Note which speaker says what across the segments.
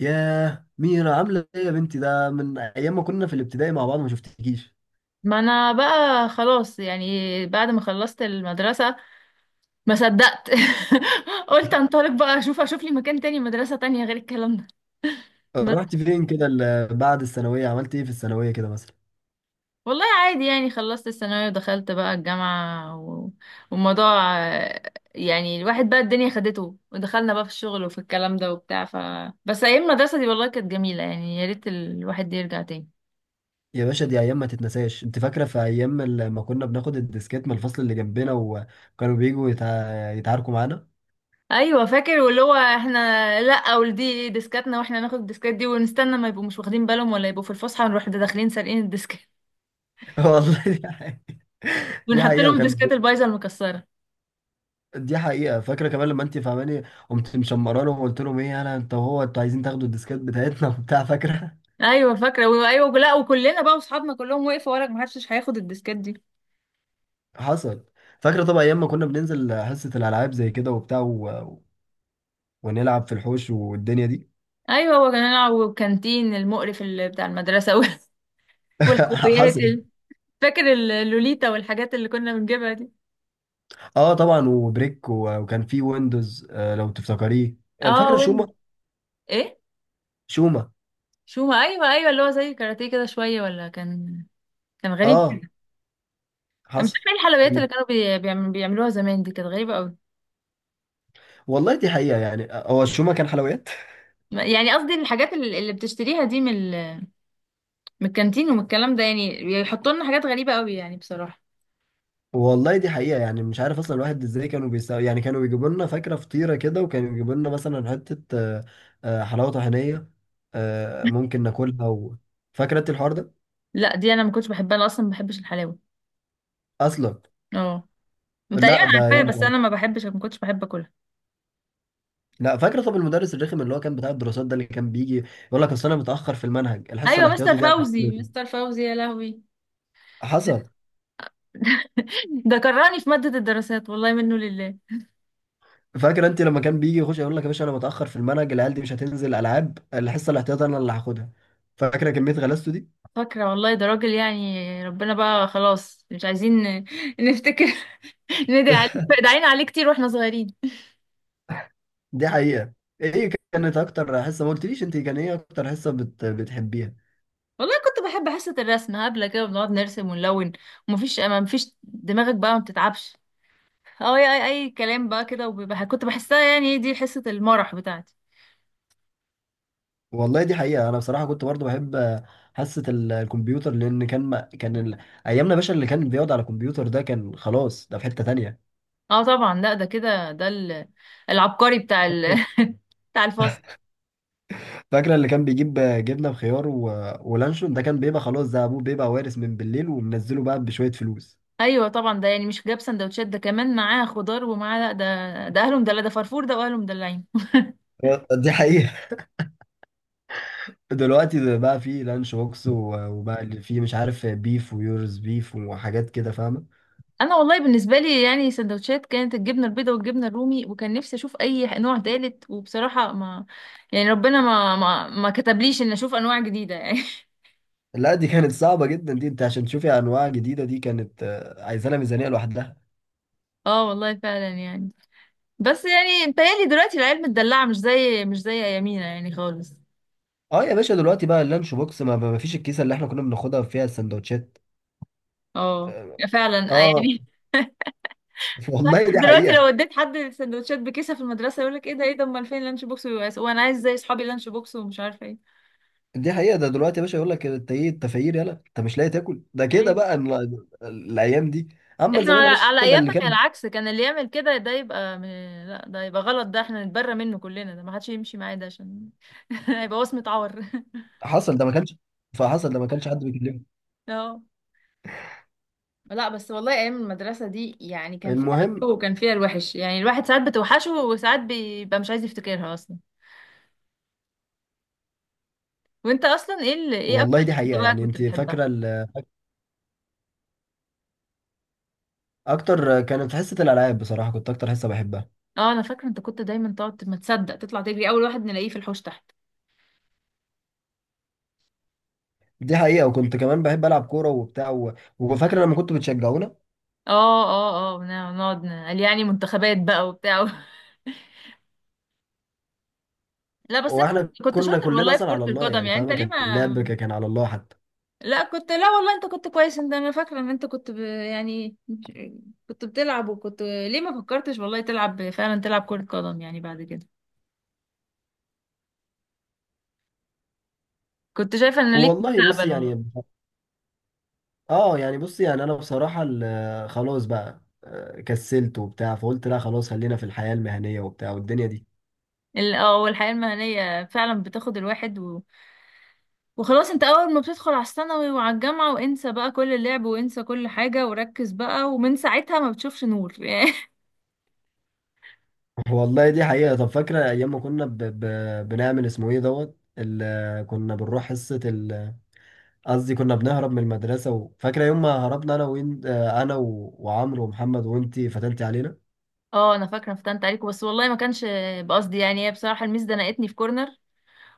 Speaker 1: ياه، ميرا عاملة ايه يا بنتي؟ ده من ايام ما كنا في الابتدائي مع بعض، ما شفتكيش.
Speaker 2: ما انا بقى خلاص، يعني بعد ما خلصت المدرسة، ما صدقت. قلت انطلق بقى، اشوف لي مكان تاني، مدرسة تانية غير الكلام ده بس.
Speaker 1: رحت فين كده بعد الثانوية؟ عملت ايه في الثانوية كده مثلا؟
Speaker 2: والله عادي يعني، خلصت الثانوية ودخلت بقى الجامعة و والموضوع، يعني الواحد بقى الدنيا خدته، ودخلنا بقى في الشغل وفي الكلام ده وبتاع، بس ايام المدرسة دي والله كانت جميلة، يعني يا ريت الواحد يرجع تاني.
Speaker 1: يا باشا، دي ايام ما تتنساش. انت فاكرة في ايام ما كنا بناخد الديسكات من الفصل اللي جنبنا، وكانوا بيجوا يتعاركوا معانا؟
Speaker 2: ايوه فاكر، واللي هو احنا، لا ودي ديسكاتنا، واحنا ناخد الديسكات دي ونستنى ما يبقوا مش واخدين بالهم، ولا يبقوا في الفسحه نروح داخلين سارقين الديسكات،
Speaker 1: والله دي حقيقة. دي
Speaker 2: ونحط
Speaker 1: حقيقة
Speaker 2: لهم
Speaker 1: وكان.
Speaker 2: الديسكات البايظه المكسره.
Speaker 1: دي حقيقة، فاكرة كمان لما انت فاهماني. قمت مشمرانه وقلت لهم ايه، انا انت وهو انتوا عايزين تاخدوا الديسكات بتاعتنا؟ وبتاع، فاكرة؟
Speaker 2: ايوه فاكره، ايوه، لا وكلنا بقى واصحابنا كلهم وقفوا وراك، ما حدش هياخد الديسكات دي.
Speaker 1: حصل. فاكرة طبعا أيام ما كنا بننزل حصة الألعاب زي كده وبتاع، ونلعب في الحوش والدنيا دي.
Speaker 2: ايوه، هو كان نلعب، والكانتين المقرف اللي بتاع المدرسه والحلويات
Speaker 1: حصل.
Speaker 2: فاكر اللوليتا والحاجات اللي كنا بنجيبها دي.
Speaker 1: اه طبعا، وبريك، وكان في ويندوز، لو تفتكريه. آه،
Speaker 2: اه،
Speaker 1: فاكره شوما.
Speaker 2: وين. ايه؟
Speaker 1: شوما.
Speaker 2: شو ما، ايوه ايوه، اللي هو زي كاراتيه كده شويه، ولا كان، كان غريب.
Speaker 1: اه.
Speaker 2: مش
Speaker 1: حصل.
Speaker 2: فاكره إيه الحلويات اللي
Speaker 1: كانت-
Speaker 2: كانوا بيعملوها زمان، دي كانت غريبه قوي.
Speaker 1: والله دي حقيقة يعني، هو الشوما كان حلويات.
Speaker 2: يعني قصدي الحاجات اللي بتشتريها دي، من الكانتين ومن الكلام ده، يعني بيحطوا لنا حاجات غريبه قوي يعني بصراحه.
Speaker 1: والله دي حقيقة يعني، مش عارف اصلا الواحد ازاي كانوا بيساوي. يعني كانوا بيجيبوا لنا، فاكرة، فطيرة كده، وكانوا يجيبوا لنا مثلا حتة حلاوة طحينية. ممكن ناكلها و... فاكرة انت الحوار ده؟
Speaker 2: لا دي انا ما كنتش بحبها، انا اصلا ما بحبش الحلاوه.
Speaker 1: اصلا.
Speaker 2: اه، تقريبا
Speaker 1: لا ده، يا
Speaker 2: عارفاها بس
Speaker 1: نهار.
Speaker 2: انا ما بحبش، ما كنتش بحب اكلها.
Speaker 1: لا، فاكر طب المدرس الرخم اللي هو كان بتاع الدراسات ده، اللي كان بيجي يقول لك اصل انا متاخر في المنهج، الحصه
Speaker 2: ايوه مستر
Speaker 1: الاحتياطي دي مش
Speaker 2: فوزي، مستر
Speaker 1: فاكرها.
Speaker 2: فوزي يا لهوي.
Speaker 1: حصل.
Speaker 2: ده كرهني في ماده الدراسات، والله منه لله.
Speaker 1: فاكر انت لما كان بيجي يخش يقول لك: يا باشا انا متاخر في المنهج، العيال دي مش هتنزل العاب، الحصه الاحتياطي انا اللي هاخدها؟ فاكره كميه غلاسته دي؟
Speaker 2: فاكره والله، ده راجل يعني ربنا بقى، خلاص مش عايزين نفتكر. ندعي عليه، دعينا عليه كتير واحنا صغيرين.
Speaker 1: دي حقيقه. ايه كانت اكتر حصه؟ ما قلتليش انت كان ايه اكتر حصه بتحبيها؟
Speaker 2: والله كنت بحب حصة الرسم، هبلة كده بنقعد نرسم ونلون، ومفيش، ما مفيش دماغك بقى ما بتتعبش. اه، اي اي أي كلام بقى كده، وبيبقى كنت بحسها يعني دي حصة المرح بتاعتي.
Speaker 1: والله دي حقيقه، انا بصراحه كنت برضو بحب حصه الكمبيوتر، لان كان ما... كان ال... ايامنا يا باشا اللي كان بيقعد على الكمبيوتر ده، كان خلاص ده في حته تانيه.
Speaker 2: اه طبعا، لا ده كده، ده العبقري بتاع بتاع الفصل.
Speaker 1: فاكرة اللي كان بيجيب جبنة بخيار و... ولانشون، ده كان بيبقى خلاص، ده أبوه بيبقى وارث من بالليل ومنزله بقى بشوية فلوس.
Speaker 2: ايوه طبعا، ده يعني مش جاب سندوتشات، ده كمان معاه خضار ومعاه، لا ده اهله مدلع، ده فرفور ده واهله مدلعين.
Speaker 1: دي حقيقة. دلوقتي ده بقى فيه لانش بوكس، وبقى اللي فيه مش عارف، بيف ويورز بيف، وحاجات كده، فاهمة؟
Speaker 2: انا والله بالنسبه لي يعني سندوتشات، كانت الجبنه البيضاء والجبنه الرومي، وكان نفسي اشوف اي نوع تالت، وبصراحه ما، يعني ربنا ما كتبليش ان اشوف انواع جديده يعني.
Speaker 1: لا دي كانت صعبة جدا، دي انت عشان تشوفي أنواع جديدة دي كانت عايزة لها ميزانية لوحدها.
Speaker 2: اه والله فعلا يعني. بس يعني متهيألي دلوقتي العيال متدلعه، مش زي ايامينا يعني خالص.
Speaker 1: اه يا باشا دلوقتي بقى، اللانش بوكس ما فيش الكيسة اللي احنا كنا بناخدها فيها السندوتشات.
Speaker 2: اه فعلا،
Speaker 1: اه.
Speaker 2: يعني.
Speaker 1: والله دي
Speaker 2: دلوقتي لو
Speaker 1: حقيقة.
Speaker 2: اديت حد سندوتشات بكيسه في المدرسه، يقول لك ايه ده، ايه ده، امال فين اللانش بوكس، وانا عايز زي اصحابي لانش بوكس ومش عارفه ايه.
Speaker 1: دي حقيقة، ده دلوقتي يا باشا يقول لك: انت ايه التفاير، يلا انت مش لاقي تاكل؟ ده كده
Speaker 2: يعني
Speaker 1: بقى الايام دي. اما
Speaker 2: احنا
Speaker 1: زمان
Speaker 2: على,
Speaker 1: يا باشا،
Speaker 2: على
Speaker 1: ده اللي
Speaker 2: ايامنا كان
Speaker 1: كان.
Speaker 2: العكس، كان اللي يعمل كده ده يبقى لا، ده يبقى غلط، ده احنا نتبرى منه كلنا، ده ما حدش يمشي معاه، ده عشان هيبقى وصمة عار.
Speaker 1: حصل، ده ما كانش. فحصل، ده ما كانش حد بيكلمه.
Speaker 2: اه، لا بس والله ايام المدرسه دي يعني كان فيها
Speaker 1: المهم.
Speaker 2: الحلو وكان فيها الوحش، يعني الواحد ساعات بتوحشه وساعات بيبقى مش عايز يفتكرها اصلا. وانت اصلا ايه اكتر
Speaker 1: والله دي
Speaker 2: كنت
Speaker 1: حقيقة
Speaker 2: بقى
Speaker 1: يعني،
Speaker 2: كنت
Speaker 1: انت
Speaker 2: بتحبها؟
Speaker 1: فاكرة ال-، اكتر كانت حصة الالعاب، بصراحة كنت اكتر حصة بحبها.
Speaker 2: اه انا فاكره، انت كنت دايما تقعد ما تصدق تطلع تجري، اول واحد نلاقيه في الحوش تحت.
Speaker 1: دي حقيقة، وكنت كمان بحب العب كورة وبتاع، و... وفاكرة لما كنتوا بتشجعونا.
Speaker 2: اه اه اه نقعد نقعد نقول يعني منتخبات بقى وبتاع. لا بس انت
Speaker 1: واحنا
Speaker 2: كنت
Speaker 1: كنا
Speaker 2: شاطر
Speaker 1: كلنا
Speaker 2: والله في
Speaker 1: اصلا
Speaker 2: كرة
Speaker 1: على الله
Speaker 2: القدم،
Speaker 1: يعني،
Speaker 2: يعني انت
Speaker 1: فاهمة،
Speaker 2: ليه
Speaker 1: كان
Speaker 2: ما،
Speaker 1: اللعب كان على الله حتى.
Speaker 2: لا والله انت كنت كويس انت، انا فاكرة ان انت كنت يعني كنت بتلعب، وكنت ليه ما فكرتش والله تلعب فعلا، تلعب كرة قدم يعني بعد كده؟ كنت شايفة ان ليك
Speaker 1: والله بص
Speaker 2: مستقبل والله.
Speaker 1: يعني. اه يعني بص يعني، انا بصراحة خلاص بقى، كسلت وبتاع، فقلت لا خلاص خلينا في الحياة المهنية وبتاع والدنيا دي.
Speaker 2: والحياة المهنية فعلا بتاخد الواحد و... وخلاص، انت اول ما بتدخل على الثانوي وعلى الجامعة، وانسى بقى كل اللعب، وانسى كل حاجة وركز بقى، ومن ساعتها ما بتشوفش نور.
Speaker 1: والله دي حقيقة، طب فاكرة ايام ما كنا بنعمل اسمه ايه، دوت ال... آه، كنا بنروح حصة ال... آه، قصدي كنا بنهرب من المدرسة و... فاكرة يوم ما هربنا انا وين، انا و... وعمرو ومحمد، وانتي فتنتي علينا.
Speaker 2: اه انا فاكره، فتنت عليكم بس والله ما كانش بقصدي يعني، هي بصراحه الميس زنقتني في كورنر،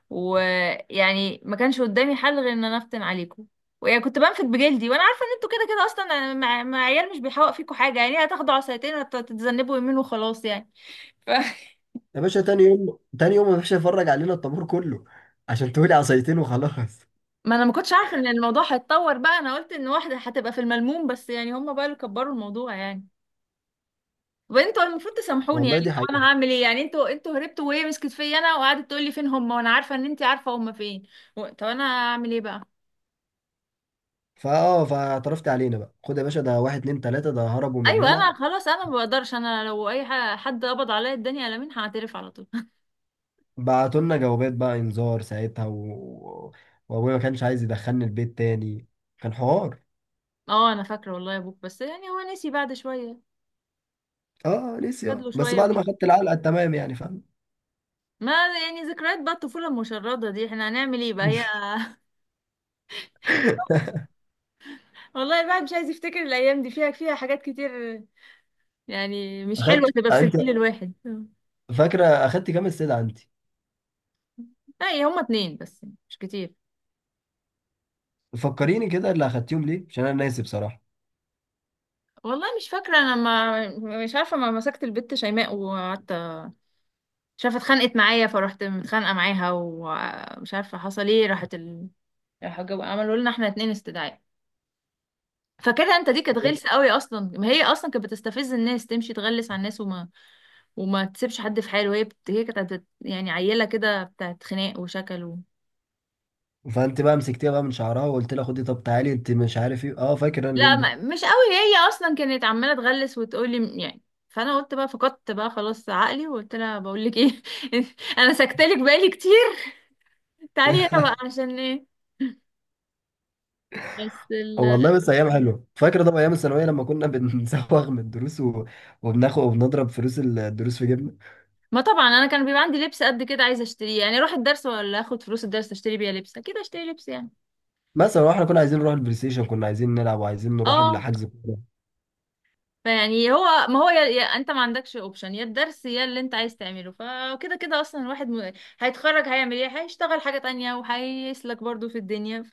Speaker 2: ويعني ما كانش قدامي حل غير ان انا افتن عليكم، ويعني كنت بنفد بجلدي، وانا عارفه ان انتوا كده كده اصلا يعني، مع, عيال مش بيحوق فيكم حاجه، يعني هتاخدوا عصايتين وتتذنبوا يمين وخلاص يعني. ف...
Speaker 1: يا باشا تاني يوم، ما فيش يفرج علينا الطابور كله، عشان تقولي عصايتين وخلاص.
Speaker 2: ما انا ما كنتش عارفه ان الموضوع هيتطور بقى، انا قلت ان واحده هتبقى في الملموم بس، يعني هم بقى اللي كبروا الموضوع يعني. طب انتوا المفروض تسامحوني
Speaker 1: والله
Speaker 2: يعني،
Speaker 1: دي
Speaker 2: طب
Speaker 1: حقيقة.
Speaker 2: انا هعمل ايه يعني، انتوا هربتوا وهي مسكت فيا انا، وقعدت تقول لي فين هم، وانا عارفه ان انت عارفه هم فين. طب انا هعمل ايه بقى؟
Speaker 1: فاعترفت علينا بقى، خد يا باشا: ده واحد اتنين تلاتة ده هربوا من
Speaker 2: ايوه انا
Speaker 1: هنا.
Speaker 2: خلاص، انا ما بقدرش، انا لو اي حد قبض عليا الدنيا على مين، هعترف على طول.
Speaker 1: بعتوا لنا جوابات بقى، انذار ساعتها و... وابويا ما كانش عايز يدخلني البيت تاني. كان حوار.
Speaker 2: اه انا فاكره والله يا ابوك، بس يعني هو نسي بعد شويه،
Speaker 1: اه نسي،
Speaker 2: خد له
Speaker 1: اه بس
Speaker 2: شويه
Speaker 1: بعد
Speaker 2: ونسي.
Speaker 1: ما اخدت العلقة التمام يعني، فاهم؟
Speaker 2: ما يعني ذكريات بقى، الطفوله المشرده دي احنا هنعمل ايه بقى هي. والله الواحد مش عايز يفتكر الايام دي، فيها حاجات كتير يعني مش حلوه
Speaker 1: اخدت
Speaker 2: تبقى في
Speaker 1: انت.
Speaker 2: سجل الواحد
Speaker 1: فاكرة اخدت كام استدعاء انت؟
Speaker 2: اي، هما اتنين بس مش كتير.
Speaker 1: فكريني كده، اللي اخدتيهم ليه، عشان انا ناسي بصراحة.
Speaker 2: والله مش فاكرة، أنا ما، مش عارفة، ما مسكت البت شيماء وقعدت، مش عارفة اتخانقت معايا، فرحت متخانقة معاها، ومش عارفة حصل ايه، راحت راحوا عملوا لنا احنا اتنين استدعاء. فكده انت دي كانت غلسة قوي اصلا، ما هي اصلا كانت بتستفز الناس، تمشي تغلس على الناس، وما، وما تسيبش حد في حاله، هي هي كانت يعني عيلة كده بتاعت خناق وشكل و
Speaker 1: فانت بقى مسكتيها بقى من شعرها وقلت لها: خدي طب تعالي انت مش عارف ايه. اه فاكر انا
Speaker 2: لا
Speaker 1: اليوم ده.
Speaker 2: ما... مش قوي، هي اصلا كانت عمالة تغلس وتقولي يعني. فانا قلت بقى، فقدت بقى خلاص عقلي، وقلت لها بقول لك ايه، انا سكتلك بالي كتير، تعيرة بقى عشان ايه؟ بس
Speaker 1: والله بس ايام حلوه، فاكر طبعا ايام الثانويه لما كنا بنزوغ من الدروس و... وبناخد وبنضرب فلوس الدروس في جيبنا.
Speaker 2: ما طبعا انا كان بيبقى عندي لبس قد كده عايزه اشتريه، يعني اروح الدرس، ولا اخد فلوس الدرس اشتري بيها لبس، اكيد اشتري لبس يعني.
Speaker 1: مثلا، واحنا كنا عايزين نروح البلاي ستيشن، كنا عايزين نلعب وعايزين نروح
Speaker 2: اه
Speaker 1: الحجز كوره.
Speaker 2: فيعني هو، ما هو انت ما عندكش اوبشن، يا الدرس يا اللي انت عايز تعمله، فكده كده اصلا الواحد هيتخرج هيعمل ايه؟ هيشتغل حاجه تانية وهيسلك برضو في الدنيا،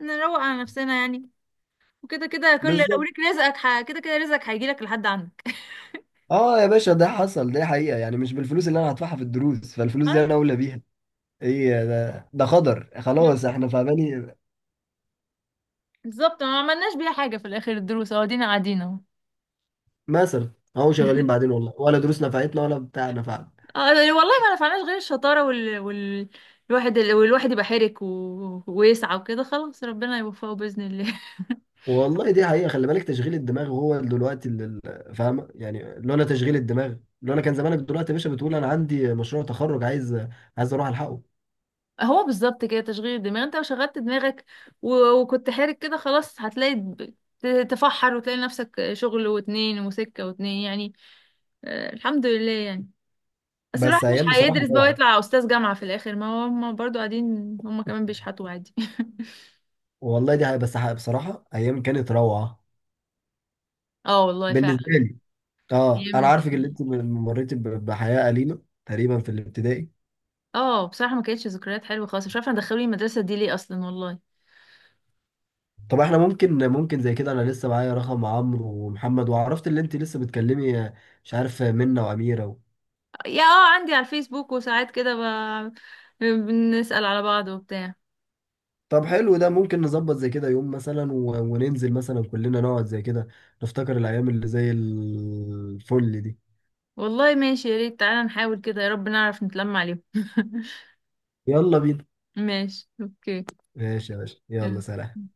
Speaker 2: فنروق على نفسنا يعني. وكده كده كل لو
Speaker 1: بالظبط.
Speaker 2: ليك رزقك كده كده رزقك هيجيلك لحد عندك.
Speaker 1: اه يا باشا، ده حصل، ده حقيقه يعني، مش بالفلوس اللي انا هدفعها في الدروس، فالفلوس دي
Speaker 2: ايوه
Speaker 1: انا اولى بيها. ايه ده، قدر خلاص احنا، فاهماني؟
Speaker 2: بالظبط، ما عملناش بيها حاجه في الاخر، الدروس اهو قاعدين قاعدين اهو.
Speaker 1: مثلا اهو شغالين بعدين، والله ولا دروس نفعتنا ولا بتاع نفعنا.
Speaker 2: اه والله ما نفعناش غير الشطارة الواحد يبقى حرك ويسعى وكده، خلاص ربنا يوفقه بإذن الله.
Speaker 1: والله دي حقيقة، خلي بالك، تشغيل الدماغ هو دلوقتي فاهمة يعني، لولا تشغيل الدماغ، لولا كان زمانك دلوقتي يا باشا بتقول أنا عندي مشروع تخرج، عايز أروح ألحقه.
Speaker 2: هو بالظبط كده تشغيل الدماغ، انت لو شغلت دماغك وكنت حرك كده، خلاص هتلاقي تفحر وتلاقي نفسك شغل واتنين وسكة واتنين يعني. آه الحمد لله يعني. بس الواحد
Speaker 1: بس
Speaker 2: مش
Speaker 1: أيام بصراحة
Speaker 2: هيدرس بقى
Speaker 1: روعة.
Speaker 2: ويطلع أستاذ جامعة في الآخر، ما هم برضو قاعدين، هم كمان بيشحتوا عادي.
Speaker 1: والله دي حقيقة، بس حقيقة بصراحة أيام كانت روعة
Speaker 2: اه والله
Speaker 1: بالنسبة لي. أه، أنا
Speaker 2: فعلا.
Speaker 1: عارفك اللي أنت مريتي بحياة أليمة تقريبا في الابتدائي.
Speaker 2: اه بصراحة ما كانتش ذكريات حلوة خالص، مش عارفة دخلوني المدرسة دي ليه اصلا والله.
Speaker 1: طب احنا ممكن، زي كده انا لسه معايا رقم عمرو ومحمد، وعرفت اللي انت لسه بتكلمي؟ مش عارف، منة واميره؟
Speaker 2: يا اه عندي على الفيسبوك وساعات كده بنسأل على بعض وبتاع.
Speaker 1: طب حلو، ده ممكن نظبط زي كده يوم مثلا و... وننزل مثلا كلنا نقعد زي كده، نفتكر الأيام اللي زي الفل دي.
Speaker 2: والله ماشي، يا ريت، تعالى نحاول كده، يا رب نعرف نتلم عليهم.
Speaker 1: يلا بينا.
Speaker 2: ماشي اوكي،
Speaker 1: ماشي يا باشا، يلا
Speaker 2: يلا.
Speaker 1: سلام.